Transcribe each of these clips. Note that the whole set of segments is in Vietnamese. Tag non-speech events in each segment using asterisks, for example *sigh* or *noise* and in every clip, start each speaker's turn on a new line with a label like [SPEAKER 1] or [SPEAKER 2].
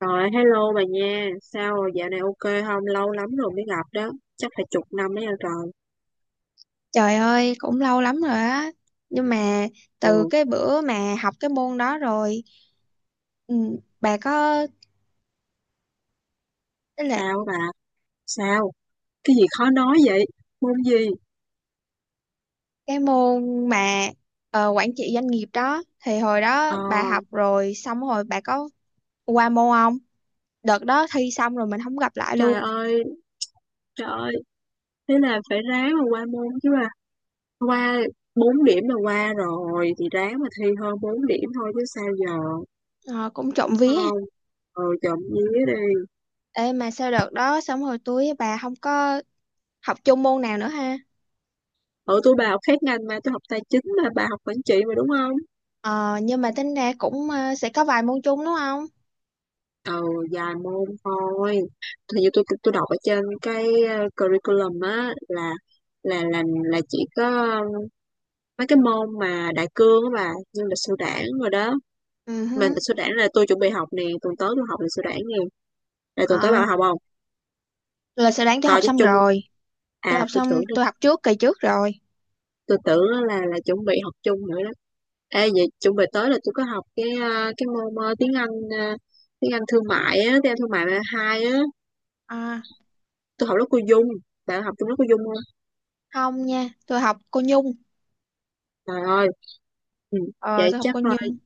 [SPEAKER 1] Rồi, hello bà nha. Sao rồi, dạo này ok không? Lâu lắm rồi mới gặp đó. Chắc phải chục năm đấy rồi.
[SPEAKER 2] Trời ơi, cũng lâu lắm rồi á. Nhưng mà
[SPEAKER 1] Ừ,
[SPEAKER 2] từ cái bữa mà học cái môn đó rồi, ừ, bà có tức là
[SPEAKER 1] sao bà? Sao? Cái gì khó nói vậy? Môn gì?
[SPEAKER 2] cái môn mà quản trị doanh nghiệp đó thì hồi đó
[SPEAKER 1] Ờ,
[SPEAKER 2] bà học rồi xong rồi bà có qua môn không? Đợt đó thi xong rồi mình không gặp lại
[SPEAKER 1] trời
[SPEAKER 2] luôn.
[SPEAKER 1] ơi, trời ơi. Thế là phải ráng mà qua môn chứ bà. Qua 4 điểm là qua rồi. Thì ráng mà thi hơn 4 điểm thôi chứ sao giờ. Đúng.
[SPEAKER 2] Ờ, cũng trộm vía ha.
[SPEAKER 1] Không, ừ, trộm vía đi.
[SPEAKER 2] Ê, mà sau đợt đó xong rồi tôi với bà không có học chung môn nào nữa ha.
[SPEAKER 1] Ở tôi bà học khác ngành mà tôi học tài chính mà bà học quản trị mà đúng không?
[SPEAKER 2] Ờ, nhưng mà tính ra cũng sẽ có vài môn chung đúng không?
[SPEAKER 1] Ừ, dài môn thôi, thì như tôi đọc ở trên cái curriculum á, là là chỉ có mấy cái môn mà đại cương á bà, như lịch sử đảng rồi đó.
[SPEAKER 2] Ừ
[SPEAKER 1] Mà
[SPEAKER 2] hứ.
[SPEAKER 1] lịch sử đảng là tôi chuẩn bị học nè, tuần tới tôi học lịch sử đảng nè, là tuần tới
[SPEAKER 2] Ờ,
[SPEAKER 1] bà học không,
[SPEAKER 2] là sẽ đáng cho
[SPEAKER 1] coi
[SPEAKER 2] học
[SPEAKER 1] cho
[SPEAKER 2] xong
[SPEAKER 1] chung.
[SPEAKER 2] rồi. Tôi
[SPEAKER 1] à
[SPEAKER 2] học
[SPEAKER 1] tôi
[SPEAKER 2] xong,
[SPEAKER 1] tưởng là-
[SPEAKER 2] tôi học trước kỳ trước rồi.
[SPEAKER 1] tôi tưởng á là chuẩn bị học chung nữa đó. Ê, vậy chuẩn bị tới là tôi có học cái cái môn tiếng Anh, ờ, tiếng Anh thương mại á, tiếng Anh thương mại hai á.
[SPEAKER 2] À.
[SPEAKER 1] Tôi học lớp cô Dung, bạn học chung lớp cô Dung không?
[SPEAKER 2] Không nha, tôi học cô Nhung.
[SPEAKER 1] Trời ơi, ừ.
[SPEAKER 2] Ờ,
[SPEAKER 1] Vậy
[SPEAKER 2] tôi học
[SPEAKER 1] chắc
[SPEAKER 2] cô
[SPEAKER 1] thôi,
[SPEAKER 2] Nhung.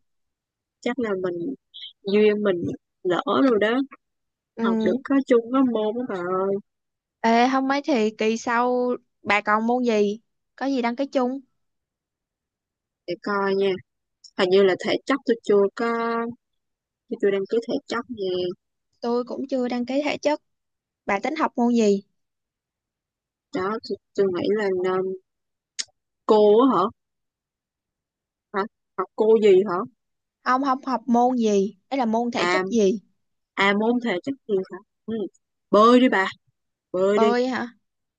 [SPEAKER 1] chắc là mình duyên mình lỡ rồi đó, học được
[SPEAKER 2] Ừ.
[SPEAKER 1] có chung có môn đó bà ơi.
[SPEAKER 2] Ê, không mấy thì kỳ sau bà còn môn gì? Có gì đăng ký chung?
[SPEAKER 1] Để coi nha, hình như là thể chất tôi chưa có, tôi chưa đăng ký thể chất nè.
[SPEAKER 2] Tôi cũng chưa đăng ký thể chất. Bà tính học môn gì?
[SPEAKER 1] Đó tôi nghĩ là nên cô á hả, hả, học cô gì hả?
[SPEAKER 2] Không, không học môn gì. Ấy là môn thể
[SPEAKER 1] À,
[SPEAKER 2] chất gì?
[SPEAKER 1] à môn thể chất gì hả? Ừ. Bơi đi bà, bơi đi,
[SPEAKER 2] Bơi hả?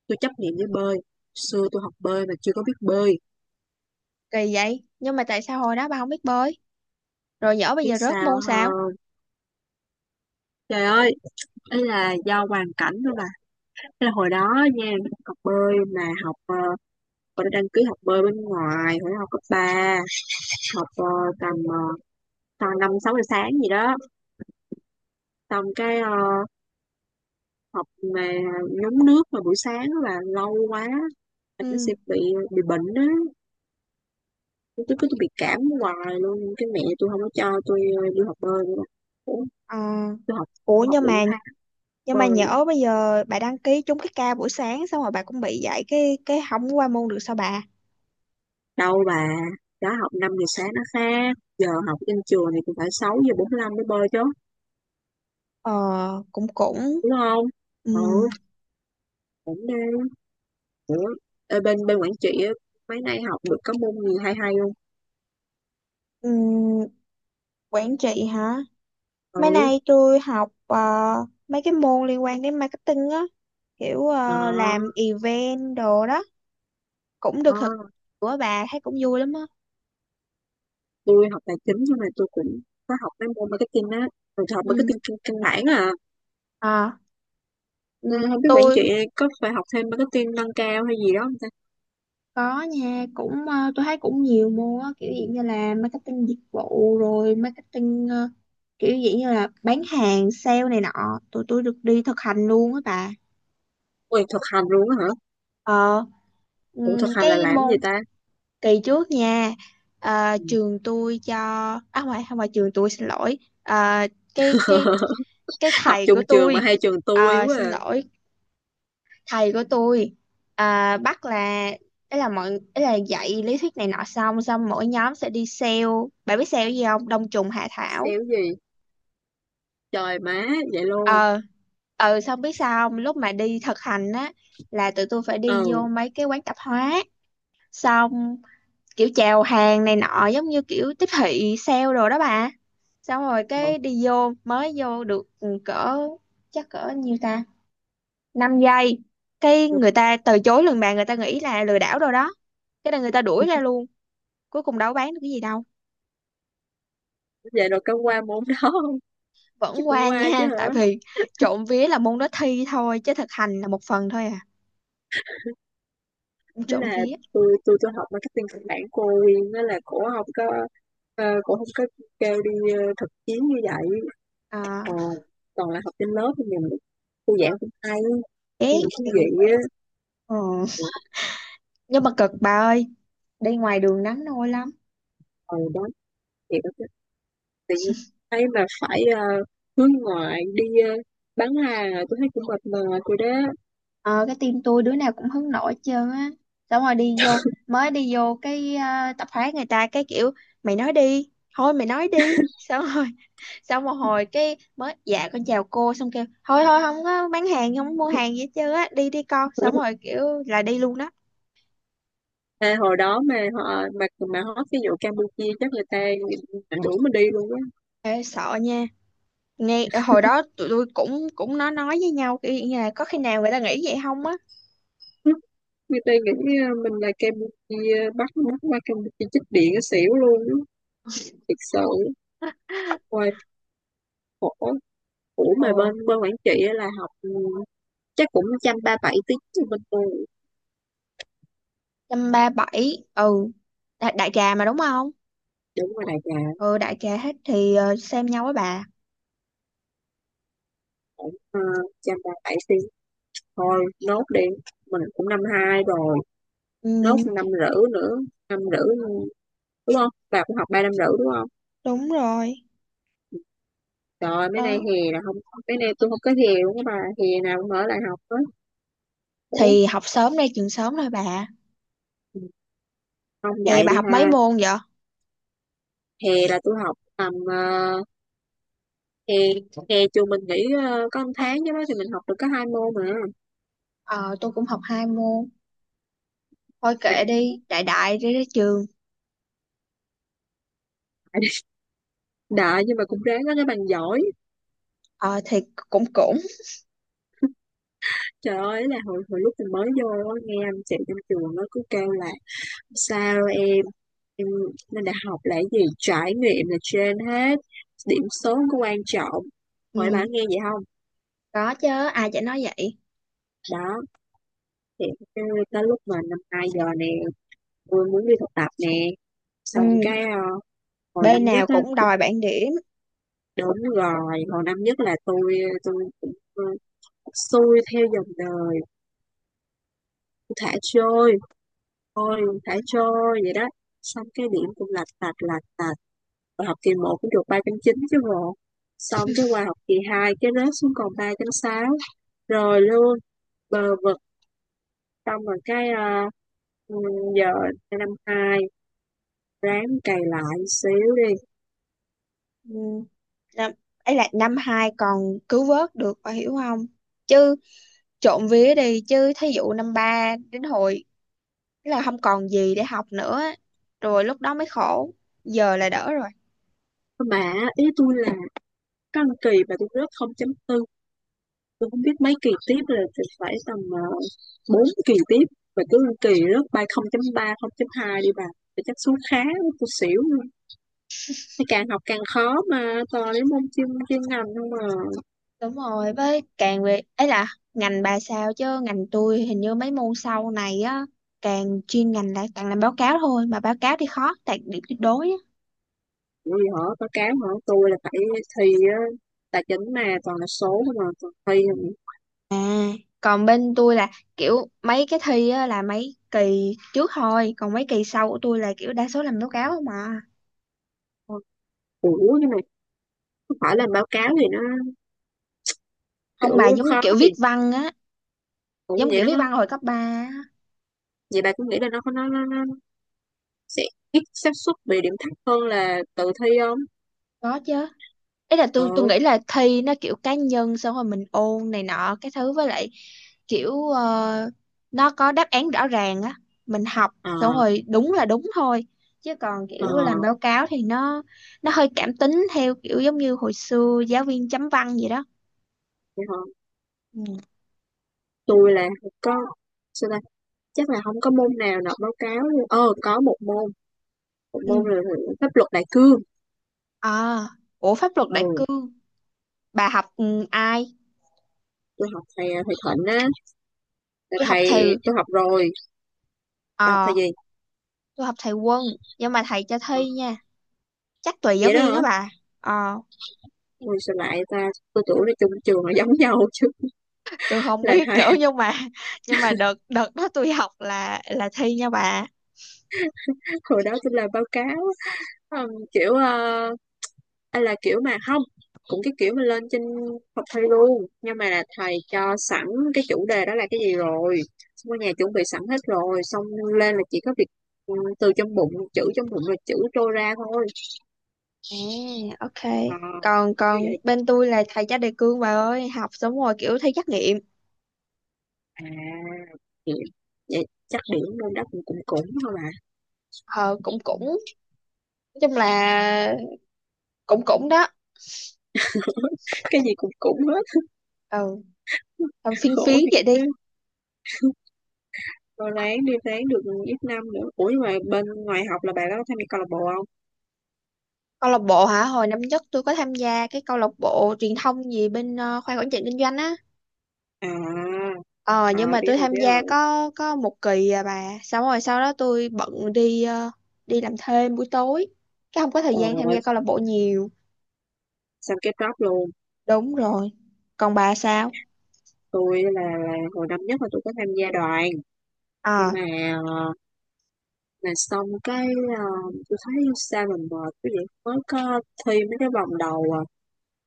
[SPEAKER 1] tôi chấp nhận với bơi, xưa tôi học bơi mà chưa có biết bơi.
[SPEAKER 2] Kỳ vậy. Nhưng mà tại sao hồi đó bà không biết bơi? Rồi nhỡ bây
[SPEAKER 1] Biết
[SPEAKER 2] giờ rớt
[SPEAKER 1] sao
[SPEAKER 2] môn sao?
[SPEAKER 1] không? Trời ơi, ấy là do hoàn cảnh thôi bà. Thế là hồi đó nha, học bơi mà học mình đã đăng ký học bơi bên ngoài hồi đó học cấp ba, học tầm tầm năm sáu giờ sáng gì đó, xong cái học mà nhúng nước mà buổi sáng á là lâu quá, là nó sẽ
[SPEAKER 2] Ừ.
[SPEAKER 1] bị, bị bệnh á. Tôi cứ, tôi bị cảm hoài luôn, cái mẹ tôi không có cho tôi đi học bơi nữa. Ủa,
[SPEAKER 2] Ờ.
[SPEAKER 1] tôi học
[SPEAKER 2] Ủa,
[SPEAKER 1] tôi học
[SPEAKER 2] nhưng
[SPEAKER 1] được một
[SPEAKER 2] mà
[SPEAKER 1] tháng.
[SPEAKER 2] nhưng mà
[SPEAKER 1] Bơi
[SPEAKER 2] nhỡ bây giờ bà đăng ký trúng cái ca buổi sáng xong rồi bà cũng bị dạy cái không qua môn được sao bà?
[SPEAKER 1] đâu bà, đó học 5 giờ sáng nó khác, giờ học trên trường thì cũng phải 6 giờ bốn lăm mới bơi chứ,
[SPEAKER 2] Ờ, cũng cũng.
[SPEAKER 1] đúng không? Ừ,
[SPEAKER 2] Ừm,
[SPEAKER 1] cũng đang nữa. Ê, bên bên quản trị á, mấy nay học được có môn gì hay hay không?
[SPEAKER 2] ừm, quản trị hả? Mấy
[SPEAKER 1] Ừ,
[SPEAKER 2] nay tôi học mấy cái môn liên quan đến marketing á, kiểu
[SPEAKER 1] ờ,
[SPEAKER 2] làm event đồ đó, cũng
[SPEAKER 1] ờ.
[SPEAKER 2] được thực của bà thấy cũng vui lắm á.
[SPEAKER 1] Tôi học tài chính nhưng mà tôi cũng có học mấy môn marketing á, rồi tôi học
[SPEAKER 2] Ừ.
[SPEAKER 1] marketing căn căn bản à.
[SPEAKER 2] Ờ,
[SPEAKER 1] Ừ, không biết quản
[SPEAKER 2] tôi
[SPEAKER 1] trị có phải học thêm marketing nâng cao hay gì đó không ta.
[SPEAKER 2] có nha, cũng tôi thấy cũng nhiều môn á, kiểu dạng như là marketing dịch vụ rồi marketing kiểu dạng như là bán hàng, sale này nọ, tụi tôi được đi thực hành luôn á bà.
[SPEAKER 1] Ui, thực hành luôn á hả?
[SPEAKER 2] Ờ.
[SPEAKER 1] Ủa thực hành là
[SPEAKER 2] Cái
[SPEAKER 1] làm gì
[SPEAKER 2] môn
[SPEAKER 1] ta?
[SPEAKER 2] kỳ trước nha, trường tôi cho, à không phải, không phải trường tôi, xin lỗi. Ờ, cái cái cái
[SPEAKER 1] *laughs* Học
[SPEAKER 2] thầy
[SPEAKER 1] chung
[SPEAKER 2] của
[SPEAKER 1] trường mà
[SPEAKER 2] tôi,
[SPEAKER 1] hai trường tôi quá
[SPEAKER 2] xin
[SPEAKER 1] à.
[SPEAKER 2] lỗi, thầy của tôi bắt là ấy là dạy lý thuyết này nọ, xong xong mỗi nhóm sẽ đi sale. Bạn biết sale gì không? Đông trùng hạ thảo.
[SPEAKER 1] Xéo gì, trời má, vậy luôn?
[SPEAKER 2] ờ Xong biết sao không? Lúc mà đi thực hành á, là tụi tôi phải đi vô
[SPEAKER 1] Ừ,
[SPEAKER 2] mấy cái quán tạp hóa, xong kiểu chào hàng này nọ, giống như kiểu tiếp thị sale đồ đó bà. Xong rồi
[SPEAKER 1] ờ,
[SPEAKER 2] cái đi vô, mới vô được cỡ, chắc cỡ nhiêu ta, 5 giây, cái người ta từ chối lần bạn, người ta nghĩ là lừa đảo rồi đó. Cái là người ta đuổi ra luôn, cuối cùng đâu có bán được cái gì đâu.
[SPEAKER 1] vậy rồi có qua môn đó không? Chắc
[SPEAKER 2] Vẫn
[SPEAKER 1] cũng
[SPEAKER 2] qua nha
[SPEAKER 1] qua chứ
[SPEAKER 2] *laughs*
[SPEAKER 1] hả?
[SPEAKER 2] tại vì trộm vía là môn đó thi thôi chứ thực hành là một phần thôi à.
[SPEAKER 1] Thế
[SPEAKER 2] Trộm
[SPEAKER 1] là
[SPEAKER 2] vía.
[SPEAKER 1] tôi học marketing căn bản cô Uyên đó, là cổ không có, cổ không có kêu đi thực chiến như vậy. Ờ,
[SPEAKER 2] À.
[SPEAKER 1] toàn là học trên lớp thì mình, cô giảng cũng hay
[SPEAKER 2] Bé
[SPEAKER 1] nhưng mà thú
[SPEAKER 2] thì cũng
[SPEAKER 1] vị
[SPEAKER 2] khỏe.
[SPEAKER 1] á.
[SPEAKER 2] Ừ. Nhưng mà cực bà ơi, đi ngoài đường nắng nôi lắm.
[SPEAKER 1] Ờ đó, thì đó, tự nhiên thấy mà phải hướng ngoại đi bán hàng à, tôi thấy cũng mệt mỏi rồi đó.
[SPEAKER 2] Ờ, cái team tôi đứa nào cũng hứng nổi hết trơn á, xong rồi đi vô, mới đi vô cái tập hóa, người ta cái kiểu mày nói đi, thôi mày nói đi, xong rồi *laughs* xong một hồi cái mới dạ con chào cô, xong kêu thôi thôi, không có bán hàng không có mua hàng gì hết trơn á, đi đi con, xong
[SPEAKER 1] *laughs*
[SPEAKER 2] rồi kiểu là đi luôn đó.
[SPEAKER 1] À, hồi đó mà họ mà hót cái vụ Campuchia chắc người ta đuổi mình đi luôn á.
[SPEAKER 2] Ê, sợ nha, nghe hồi đó tụi tôi cũng cũng nói với nhau kiểu như là có khi nào người ta nghĩ vậy không á.
[SPEAKER 1] Người ta nghĩ mình là Campuchia bắt mắt qua Campuchia chích điện cái xỉu luôn á, thiệt sự hoài, khổ. Ủa
[SPEAKER 2] ờ
[SPEAKER 1] mà bên bên Quảng Trị á là học ừ, chắc cũng trăm ba bảy tiếng cho bên tôi.
[SPEAKER 2] Trăm ba bảy. Ừ. Đại trà mà đúng không?
[SPEAKER 1] Đúng rồi đại trà,
[SPEAKER 2] Ừ, đại trà hết thì xem nhau với bà.
[SPEAKER 1] cũng trăm ba bảy tiếng thôi, nốt đi, mình cũng năm hai rồi, nốt
[SPEAKER 2] Ừ,
[SPEAKER 1] năm rưỡi nữa, năm rưỡi, đúng không, bà cũng học ba năm rưỡi đúng không?
[SPEAKER 2] đúng rồi.
[SPEAKER 1] Trời ơi, mấy nay
[SPEAKER 2] Đó.
[SPEAKER 1] hè là không, mấy nay tôi không có hè luôn các bà, hè nào cũng ở lại học á. Ủa
[SPEAKER 2] Thì học sớm đây trường sớm thôi bà.
[SPEAKER 1] không
[SPEAKER 2] Thì
[SPEAKER 1] dạy
[SPEAKER 2] bà
[SPEAKER 1] đi
[SPEAKER 2] học mấy
[SPEAKER 1] ha?
[SPEAKER 2] môn vậy?
[SPEAKER 1] Hè là tôi học tầm hè hè trường mình nghỉ có một tháng chứ đó, thì mình học được có hai môn mà.
[SPEAKER 2] Ờ, tôi cũng học hai môn. Thôi kệ
[SPEAKER 1] Mình
[SPEAKER 2] đi, đại đại đi đến trường.
[SPEAKER 1] đại nhưng mà cũng ráng có cái bằng giỏi.
[SPEAKER 2] Ờ, thì cũng cũng.
[SPEAKER 1] Trời ơi là hồi hồi lúc mình mới vô á, nghe anh chị trong trường nó cứ kêu là sao em lên đại học là cái gì trải nghiệm là trên hết, điểm số không có quan trọng, hỏi bạn
[SPEAKER 2] Ừ,
[SPEAKER 1] nghe vậy không?
[SPEAKER 2] có chứ, ai chả nói vậy.
[SPEAKER 1] Đó thì cái- tới lúc mà năm hai giờ nè, tôi muốn đi thực tập nè, xong
[SPEAKER 2] Ừ,
[SPEAKER 1] cái hồi năm
[SPEAKER 2] bên
[SPEAKER 1] nhất
[SPEAKER 2] nào
[SPEAKER 1] á.
[SPEAKER 2] cũng đòi bảng điểm.
[SPEAKER 1] Đúng rồi, hồi năm nhất là tôi cũng xuôi theo dòng đời, thả trôi, thôi thả trôi vậy đó. Xong cái điểm cũng lạch tạch lạch tạch. Và học kỳ một cũng được 3 chín chứ bộ. Xong cái qua học kỳ 2 cái rớt xuống còn 3 sáu rồi luôn, bờ vực, xong rồi cái ừ, giờ năm 2 ráng cày lại xíu đi.
[SPEAKER 2] Ừ, năm, ấy là năm hai còn cứu vớt được, bà hiểu không? Chứ trộm vía đi, chứ thí dụ năm ba đến hồi, tức là không còn gì để học nữa. Rồi lúc đó mới khổ. Giờ là đỡ rồi.
[SPEAKER 1] Mà ý tôi là có một kỳ mà tôi rớt không chấm tư, tôi không biết mấy kỳ tiếp rồi thì phải tầm 4 kỳ tiếp và cứ kỳ rớt ba 0.3 0.2 đi bà thì chắc số khá, tôi xỉu luôn. Thế càng học càng khó mà toàn đến môn chuyên chuyên ngành không mà.
[SPEAKER 2] Đúng rồi, với càng về ấy là ngành bà sao chứ ngành tôi hình như mấy môn sau này á, càng chuyên ngành là càng làm báo cáo thôi, mà báo cáo thì khó đạt điểm tuyệt đối á.
[SPEAKER 1] Vì họ báo cáo họ tôi là phải thi á, tài chính mà toàn là số mà toàn thi không.
[SPEAKER 2] À, còn bên tôi là kiểu mấy cái thi á là mấy kỳ trước thôi, còn mấy kỳ sau của tôi là kiểu đa số làm báo cáo không mà.
[SPEAKER 1] Ủa nhưng mà không phải làm báo cáo thì nó
[SPEAKER 2] Không
[SPEAKER 1] kiểu
[SPEAKER 2] bà, giống như
[SPEAKER 1] khó
[SPEAKER 2] kiểu
[SPEAKER 1] vì
[SPEAKER 2] viết văn á,
[SPEAKER 1] cũng
[SPEAKER 2] giống
[SPEAKER 1] vậy
[SPEAKER 2] kiểu
[SPEAKER 1] đó
[SPEAKER 2] viết
[SPEAKER 1] không?
[SPEAKER 2] văn hồi cấp 3 á.
[SPEAKER 1] Vậy bà cũng nghĩ là nó sẽ ít xác suất bị điểm thấp hơn là tự thi không?
[SPEAKER 2] Có chứ. Ấy là tôi
[SPEAKER 1] Ừ,
[SPEAKER 2] nghĩ là thi nó kiểu cá nhân, xong rồi mình ôn này nọ, cái thứ với lại kiểu nó có đáp án rõ ràng á, mình học
[SPEAKER 1] ờ,
[SPEAKER 2] xong rồi đúng là đúng thôi, chứ còn
[SPEAKER 1] ờ.
[SPEAKER 2] kiểu làm báo cáo thì nó hơi cảm tính theo kiểu giống như hồi xưa giáo viên chấm văn vậy đó.
[SPEAKER 1] Dạ hả?
[SPEAKER 2] Ừ.
[SPEAKER 1] Tôi là không có, sao ta? Chắc là không có môn nào nộp báo cáo luôn. Ờ có một môn
[SPEAKER 2] Ừ.
[SPEAKER 1] là pháp luật đại cương.
[SPEAKER 2] À, ủa pháp luật đại
[SPEAKER 1] Ừ,
[SPEAKER 2] cương, bà học ai?
[SPEAKER 1] tôi học thầy à, thầy Thịnh á, là
[SPEAKER 2] Tôi học
[SPEAKER 1] thầy
[SPEAKER 2] thầy.
[SPEAKER 1] tôi học rồi. Tôi học thầy
[SPEAKER 2] ờ
[SPEAKER 1] gì?
[SPEAKER 2] tôi học thầy Quân, nhưng mà thầy cho
[SPEAKER 1] Ờ,
[SPEAKER 2] thi nha. Chắc tùy giáo
[SPEAKER 1] vậy đó
[SPEAKER 2] viên
[SPEAKER 1] hả?
[SPEAKER 2] á bà. ờ
[SPEAKER 1] Ui sao lại ta, tôi tưởng là chung trường là giống nhau chứ.
[SPEAKER 2] tôi không
[SPEAKER 1] Là
[SPEAKER 2] biết
[SPEAKER 1] thầy.
[SPEAKER 2] nữa, nhưng mà đợt đợt đó tôi học là thi nha bà.
[SPEAKER 1] *laughs* Hồi đó tôi làm báo cáo. Ờ, kiểu anh là kiểu mà không, cũng cái kiểu mà lên trên học thầy luôn nhưng mà là thầy cho sẵn cái chủ đề đó là cái gì rồi, xong ở nhà chuẩn bị sẵn hết rồi, xong lên là chỉ có việc từ trong bụng chữ, trong bụng là chữ trôi ra thôi.
[SPEAKER 2] À, ok.
[SPEAKER 1] Ờ,
[SPEAKER 2] Còn
[SPEAKER 1] như
[SPEAKER 2] còn
[SPEAKER 1] vậy
[SPEAKER 2] bên tôi là thầy cho đề cương bà ơi, học xong rồi kiểu thi trắc nghiệm.
[SPEAKER 1] à. Vậy, vậy chắc điểm môn đó cũng cũng cũng thôi mà.
[SPEAKER 2] Ờ, cũng cũng nói chung là cũng cũng đó.
[SPEAKER 1] *laughs* Cái gì cũng cũng hết.
[SPEAKER 2] Ừ,
[SPEAKER 1] *laughs*
[SPEAKER 2] làm phiên
[SPEAKER 1] Khổ
[SPEAKER 2] phiến
[SPEAKER 1] thiệt
[SPEAKER 2] vậy đi.
[SPEAKER 1] cứ, rồi ráng đi, ráng được ít năm nữa. Ủa nhưng mà bên ngoài học là bạn đó có tham gia câu lạc bộ không?
[SPEAKER 2] Câu lạc bộ hả? Hồi năm nhất tôi có tham gia cái câu lạc bộ truyền thông gì bên khoa quản trị kinh doanh á.
[SPEAKER 1] À,
[SPEAKER 2] Ờ nhưng
[SPEAKER 1] à
[SPEAKER 2] mà
[SPEAKER 1] biết
[SPEAKER 2] tôi
[SPEAKER 1] rồi
[SPEAKER 2] tham
[SPEAKER 1] biết
[SPEAKER 2] gia
[SPEAKER 1] rồi,
[SPEAKER 2] có một kỳ à bà. Xong rồi sau đó tôi bận đi đi làm thêm buổi tối. Cái không có thời
[SPEAKER 1] ờ
[SPEAKER 2] gian tham gia câu lạc bộ nhiều.
[SPEAKER 1] xong cái drop luôn.
[SPEAKER 2] Đúng rồi. Còn bà sao?
[SPEAKER 1] Tôi là hồi năm nhất là tôi có tham gia đoàn, nhưng
[SPEAKER 2] À,
[SPEAKER 1] mà mà xong cái ờ, tôi thấy sao mình mệt cái vậy, mới có thi mấy cái vòng đầu à,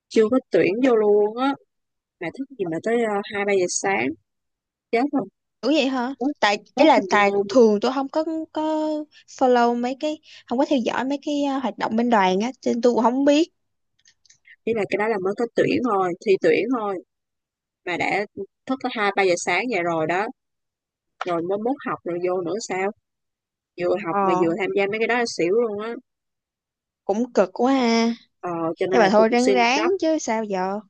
[SPEAKER 1] chưa có tuyển vô luôn á mà thức gì mà tới hai ba giờ sáng, chết rồi.
[SPEAKER 2] đúng vậy hả?
[SPEAKER 1] mốt
[SPEAKER 2] Tại ý
[SPEAKER 1] mốt
[SPEAKER 2] là
[SPEAKER 1] mình
[SPEAKER 2] tại
[SPEAKER 1] vô mình
[SPEAKER 2] thường tôi không có có follow mấy cái. Không có theo dõi mấy cái hoạt động bên đoàn á. Cho nên tôi cũng không biết.
[SPEAKER 1] nghĩ là cái đó là mới có tuyển thôi, thi tuyển thôi mà đã thức tới hai ba giờ sáng vậy rồi đó, rồi mới mốt học rồi vô nữa sao, vừa học mà
[SPEAKER 2] Ờ,
[SPEAKER 1] vừa tham gia mấy cái đó là xỉu luôn á.
[SPEAKER 2] cũng cực quá ha.
[SPEAKER 1] Ờ, cho
[SPEAKER 2] Nhưng
[SPEAKER 1] nên
[SPEAKER 2] mà
[SPEAKER 1] là tôi
[SPEAKER 2] thôi
[SPEAKER 1] cũng
[SPEAKER 2] ráng
[SPEAKER 1] xin
[SPEAKER 2] ráng
[SPEAKER 1] drop,
[SPEAKER 2] chứ sao giờ.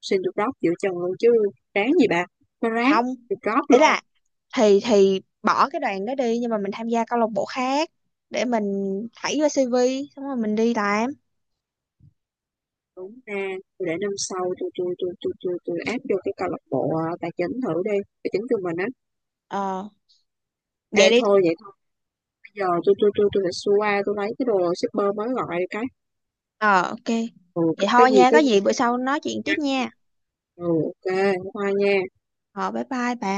[SPEAKER 1] xin được drop giữa chừng luôn chứ. Ráng gì bà, nó ráng
[SPEAKER 2] Không,
[SPEAKER 1] được drop
[SPEAKER 2] ý
[SPEAKER 1] luôn.
[SPEAKER 2] là thì bỏ cái đoàn đó đi nhưng mà mình tham gia câu lạc bộ khác, để mình thảy vô CV, xong rồi mình đi làm.
[SPEAKER 1] Đúng ra tôi để năm sau tôi áp vô cái câu lạc bộ à, tài chính thử đi, tài chính của mình á.
[SPEAKER 2] Ờ, vậy
[SPEAKER 1] Ê
[SPEAKER 2] đi.
[SPEAKER 1] thôi vậy thôi, bây giờ tôi phải xua qua tôi lấy cái đồ shipper mới gọi cái.
[SPEAKER 2] Ờ, ok.
[SPEAKER 1] Ừ
[SPEAKER 2] Vậy
[SPEAKER 1] cái
[SPEAKER 2] thôi
[SPEAKER 1] gì
[SPEAKER 2] nha, có
[SPEAKER 1] cái gì,
[SPEAKER 2] gì bữa sau nói chuyện tiếp
[SPEAKER 1] nhắn.
[SPEAKER 2] nha.
[SPEAKER 1] Ừ ok, hoa nha.
[SPEAKER 2] Ờ, bye bye bà.